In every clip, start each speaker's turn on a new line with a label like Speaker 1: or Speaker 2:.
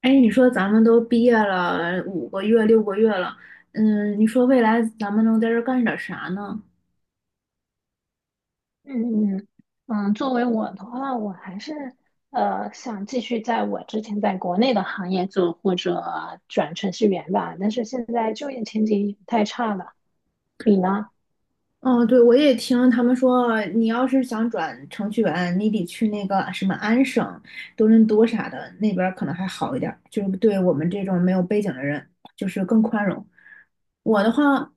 Speaker 1: 哎，你说咱们都毕业了5个月、6个月了，嗯，你说未来咱们能在这儿干点啥呢？
Speaker 2: 嗯嗯嗯。作为我的话，我还是想继续在我之前在国内的行业做，或者转程序员吧。但是现在就业前景也太差了，你呢？
Speaker 1: 哦，对，我也听他们说，你要是想转程序员，你得去那个什么安省、多伦多啥的，那边儿可能还好一点儿，就是对我们这种没有背景的人，就是更宽容。我的话，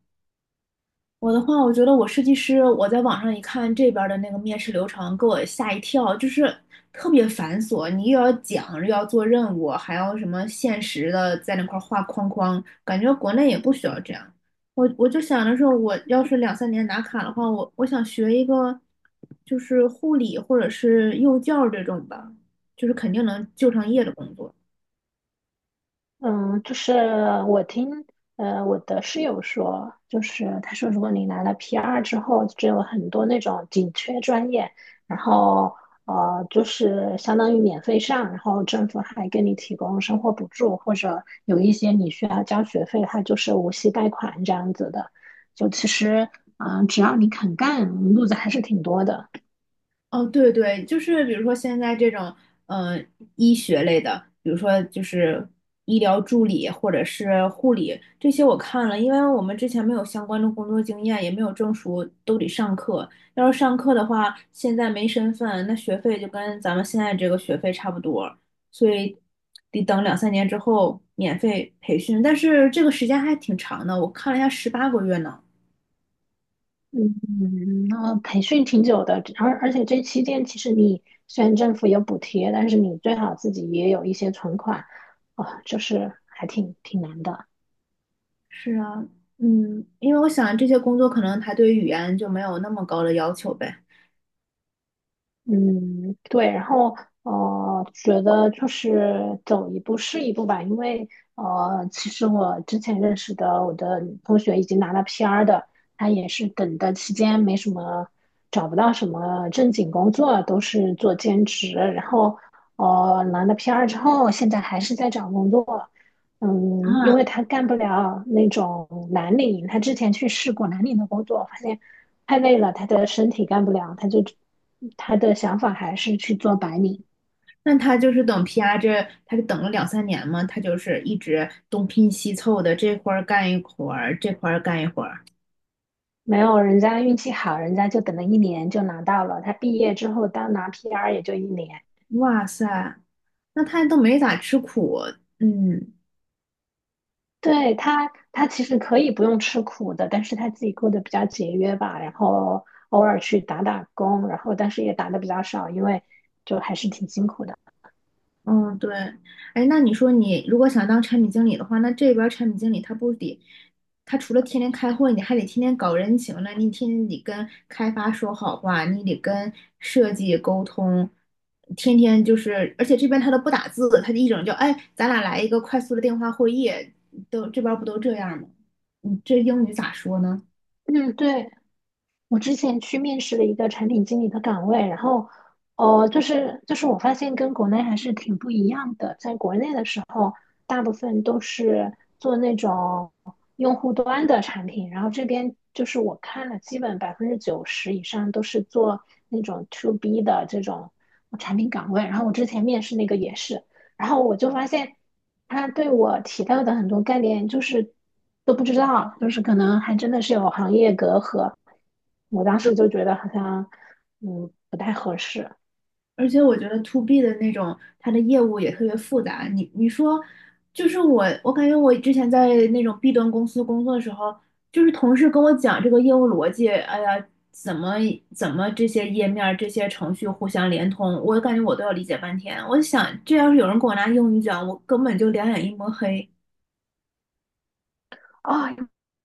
Speaker 1: 我的话，我觉得我设计师，我在网上一看这边儿的那个面试流程，给我吓一跳，就是特别繁琐，你又要讲，又要做任务，还要什么限时的在那块儿画框框，感觉国内也不需要这样。我就想着说，我要是两三年拿卡的话，我想学一个就是护理或者是幼教这种吧，就是肯定能就上业的工作。
Speaker 2: 嗯，就是我听我的室友说，就是他说，如果你拿了 PR 之后，就有很多那种紧缺专业，然后就是相当于免费上，然后政府还给你提供生活补助，或者有一些你需要交学费，它就是无息贷款这样子的。就其实啊，只要你肯干，路子还是挺多的。
Speaker 1: 哦，对对，就是比如说现在这种，嗯、呃医学类的，比如说就是医疗助理或者是护理这些，我看了，因为我们之前没有相关的工作经验，也没有证书，都得上课。要是上课的话，现在没身份，那学费就跟咱们现在这个学费差不多，所以得等两三年之后免费培训。但是这个时间还挺长的，我看了一下，18个月呢。
Speaker 2: 嗯，那培训挺久的，而且这期间其实你虽然政府有补贴，但是你最好自己也有一些存款，就是还挺难的。
Speaker 1: 是啊，嗯，因为我想这些工作可能他对语言就没有那么高的要求呗。
Speaker 2: 嗯，对，然后觉得就是走一步是一步吧，因为其实我之前认识的我的同学已经拿了 PR 的，他也是等的期间没什么找不到什么正经工作，都是做兼职，然后拿了 PR 之后，现在还是在找工作，嗯，因为
Speaker 1: 啊，
Speaker 2: 他干不了那种蓝领，他之前去试过蓝领的工作，发现，太累了，他的身体干不了，他的想法还是去做白领。
Speaker 1: 那他就是等 PR 这，他就等了两三年嘛，他就是一直东拼西凑的，这块儿干一会儿，这块儿干一会儿。
Speaker 2: 没有，人家运气好，人家就等了一年就拿到了。他毕业之后当拿 PR 也就一年。
Speaker 1: 哇塞，那他都没咋吃苦，嗯。
Speaker 2: 对，他其实可以不用吃苦的，但是他自己过得比较节约吧，然后偶尔去打打工，然后但是也打的比较少，因为就还是挺辛苦的。
Speaker 1: 嗯，对，哎，那你说你如果想当产品经理的话，那这边儿产品经理他不得，他除了天天开会，你还得天天搞人情呢，你天天得跟开发说好话，你得跟设计沟通，天天就是，而且这边他都不打字，他就一整就，哎，咱俩来一个快速的电话会议，都这边儿不都这样吗？你这英语咋说呢？
Speaker 2: 嗯，对，我之前去面试了一个产品经理的岗位，然后，就是我发现跟国内还是挺不一样的。在国内的时候，大部分都是做那种用户端的产品，然后这边就是我看了，基本90%以上都是做那种 to B 的这种产品岗位。然后我之前面试那个也是，然后我就发现。他对我提到的很多概念就是都不知道，就是可能还真的是有行业隔阂。我当时就觉得好像不太合适。
Speaker 1: 而且我觉得 to B 的那种，它的业务也特别复杂。你你说，就是我，我感觉我之前在那种 B 端公司工作的时候，就是同事跟我讲这个业务逻辑，哎呀，怎么这些页面儿、这些程序互相连通，我感觉我都要理解半天。我想，这要是有人给我拿英语讲，我根本就两眼一抹黑。
Speaker 2: 啊、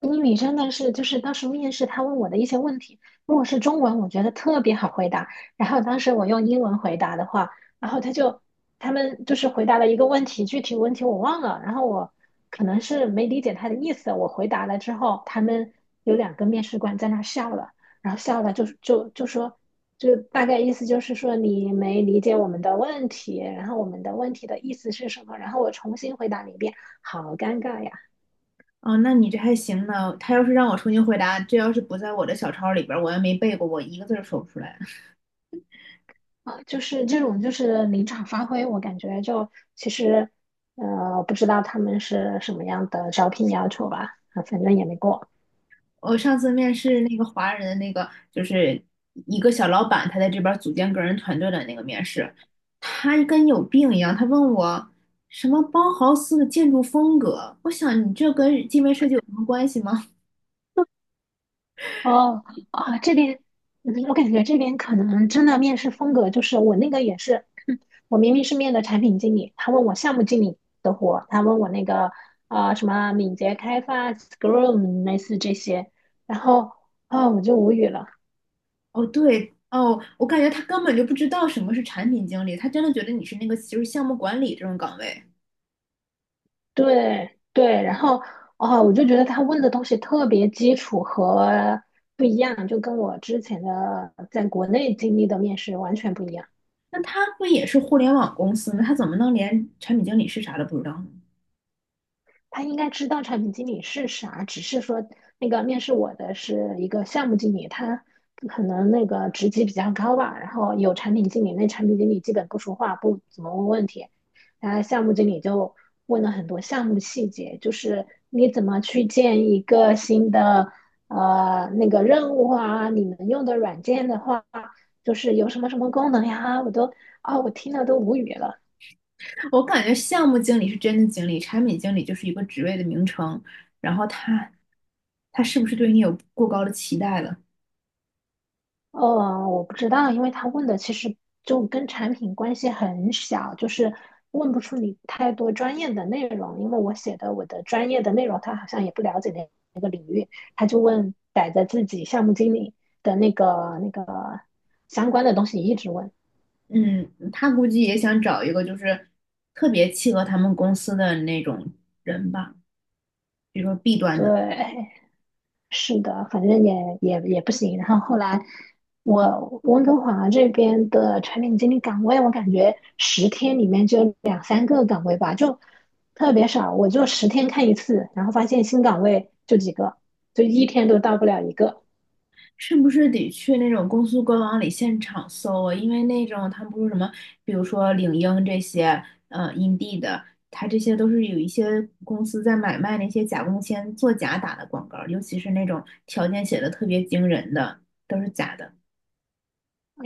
Speaker 2: 英语真的是，就是当时面试他问我的一些问题，如果是中文，我觉得特别好回答。然后当时我用英文回答的话，然后他们就是回答了一个问题，具体问题我忘了。然后我可能是没理解他的意思，我回答了之后，他们有两个面试官在那笑了，然后笑了就说，就大概意思就是说你没理解我们的问题，然后我们的问题的意思是什么？然后我重新回答了一遍，好尴尬呀。
Speaker 1: 啊。那你这还行呢。他要是让我重新回答，这要是不在我的小抄里边儿，我也没背过，我一个字儿说不出来。
Speaker 2: 啊，就是这种就是临场发挥，我感觉就其实不知道他们是什么样的招聘要求吧，啊反正也没过。
Speaker 1: 我上次面试那个华人的那个，就是一个小老板，他在这边儿组建个人团队的那个面试，他跟有病一样，他问我什么包豪斯的建筑风格，我想你这跟界面设计有什么关系吗？
Speaker 2: 哦啊，这边嗯我感觉这边可能真的面试风格就是我那个也是，我明明是面的产品经理，他问我项目经理的活，他问我那个什么敏捷开发、Scrum 类似这些，然后我就无语了。
Speaker 1: 哦，对，哦，我感觉他根本就不知道什么是产品经理，他真的觉得你是那个就是项目管理这种岗位，
Speaker 2: 对对，然后哦，我就觉得他问的东西特别基础和不一样，就跟我之前的在国内经历的面试完全不一样。
Speaker 1: 那他不也是互联网公司吗？他怎么能连产品经理是啥都不知道呢？
Speaker 2: 他应该知道产品经理是啥，只是说那个面试我的是一个项目经理，他可能那个职级比较高吧，然后有产品经理，那产品经理基本不说话，不怎么问问题，然后项目经理就问了很多项目细节，就是你怎么去建一个新的那个任务啊，你们用的软件的话，就是有什么什么功能呀，我都我听了都无语了。
Speaker 1: 我感觉项目经理是真的经理，产品经理就是一个职位的名称。然后他是不是对你有过高的期待了？
Speaker 2: 我不知道，因为他问的其实就跟产品关系很小，就是问不出你太多专业的内容。因为我写的我的专业的内容，他好像也不了解那，他就问逮着自己项目经理的那个相关的东西一直问。
Speaker 1: 嗯，他估计也想找一个就是特别契合他们公司的那种人吧，比如说 B 端的。
Speaker 2: 对，是的，反正也不行。然后后来我温哥华这边的产品经理岗位，我感觉十天里面就两三个岗位吧，就特别少。我就十天看一次，然后发现新岗位就几个，就一天都到不了一个。
Speaker 1: 是不是得去那种公司官网里现场搜啊？因为那种他不是什么，比如说领英这些，Indeed 的，它这些都是有一些公司在买卖那些假工签、作假打的广告尤其是那种条件写的特别惊人的，都是假的，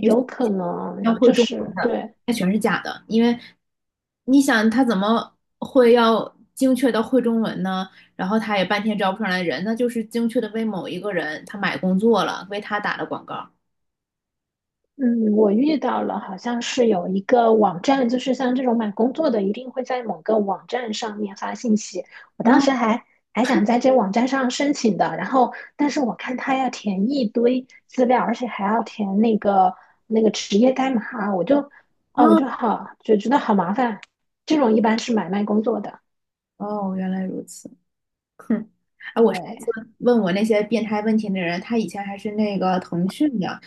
Speaker 2: 有可能
Speaker 1: 要会
Speaker 2: 就
Speaker 1: 中文
Speaker 2: 是
Speaker 1: 的，
Speaker 2: 对，
Speaker 1: 它全是假的。因为你想他怎么会要精确到会中文呢？然后他也半天招不上来人，那就是精确的为某一个人他买工作了，为他打的广告
Speaker 2: 嗯，我遇到了，好像是有一个网站，就是像这种买工作的，一定会在某个网站上面发信息。我当时
Speaker 1: 啊
Speaker 2: 还想在这网站上申请的，然后但是我看他要填一堆资料，而且还要填那个职业代码啊，我就
Speaker 1: 啊。
Speaker 2: 觉得好麻烦。这种一般是买卖工作的，
Speaker 1: 哦，原来如此。哼，
Speaker 2: 对，
Speaker 1: 问我那些变态问题的人，他以前还是那个腾讯的，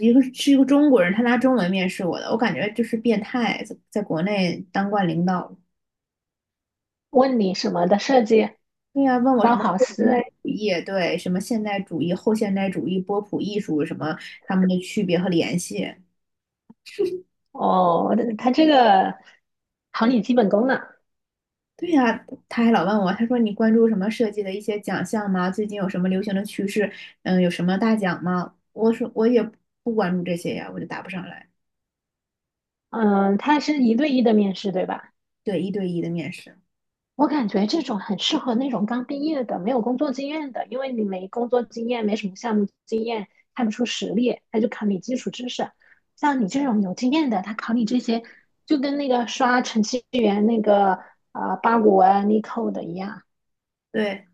Speaker 1: 一个是一个中国人，他拿中文面试我的，我感觉就是变态，在国内当惯领导。
Speaker 2: 问你什么的设计，
Speaker 1: 对呀、问我什
Speaker 2: 包
Speaker 1: 么
Speaker 2: 好
Speaker 1: 后现代
Speaker 2: 思，
Speaker 1: 主义，对，什么现代主义、后现代主义、波普艺术什么他们的区别和联系。
Speaker 2: 哦，他这个考你基本功呢。
Speaker 1: 对呀、他还老问我，他说你关注什么设计的一些奖项吗？最近有什么流行的趋势？嗯，有什么大奖吗？我说我也不关注这些呀，我就答不上来。
Speaker 2: 嗯，它是一对一的面试，对吧？
Speaker 1: 对，一对一的面试。
Speaker 2: 我感觉这种很适合那种刚毕业的、没有工作经验的，因为你没工作经验，没什么项目经验，看不出实力，他就考你基础知识。像你这种有经验的，他考你这些，就跟那个刷程序员那个八股文、力扣的一样。
Speaker 1: 对，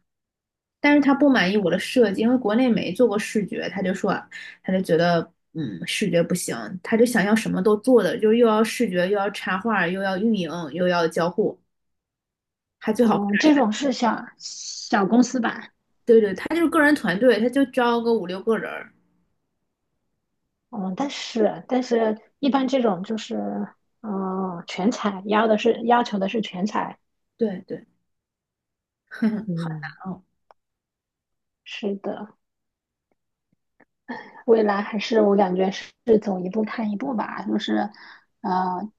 Speaker 1: 但是他不满意我的设计，因为国内没做过视觉，他就说，他就觉得，嗯，视觉不行，他就想要什么都做的，就又要视觉，又要插画，又要运营，又要交互，还最好，
Speaker 2: 嗯，这种是小小公司吧？
Speaker 1: 对对，他就是个人团队，他就招个五六个人儿，
Speaker 2: 嗯，但是一般这种就是全才，要求的是全才。
Speaker 1: 对对，哼哼，好
Speaker 2: 嗯，
Speaker 1: 难哦，
Speaker 2: 是的。未来还是我感觉是走一步看一步吧，就是，呃，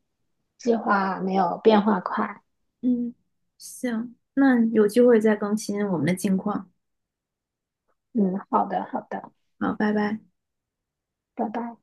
Speaker 2: 计划没有变化快。
Speaker 1: 嗯，行，那有机会再更新我们的近况，
Speaker 2: 嗯，好的，好的，
Speaker 1: 好，拜拜。
Speaker 2: 拜拜。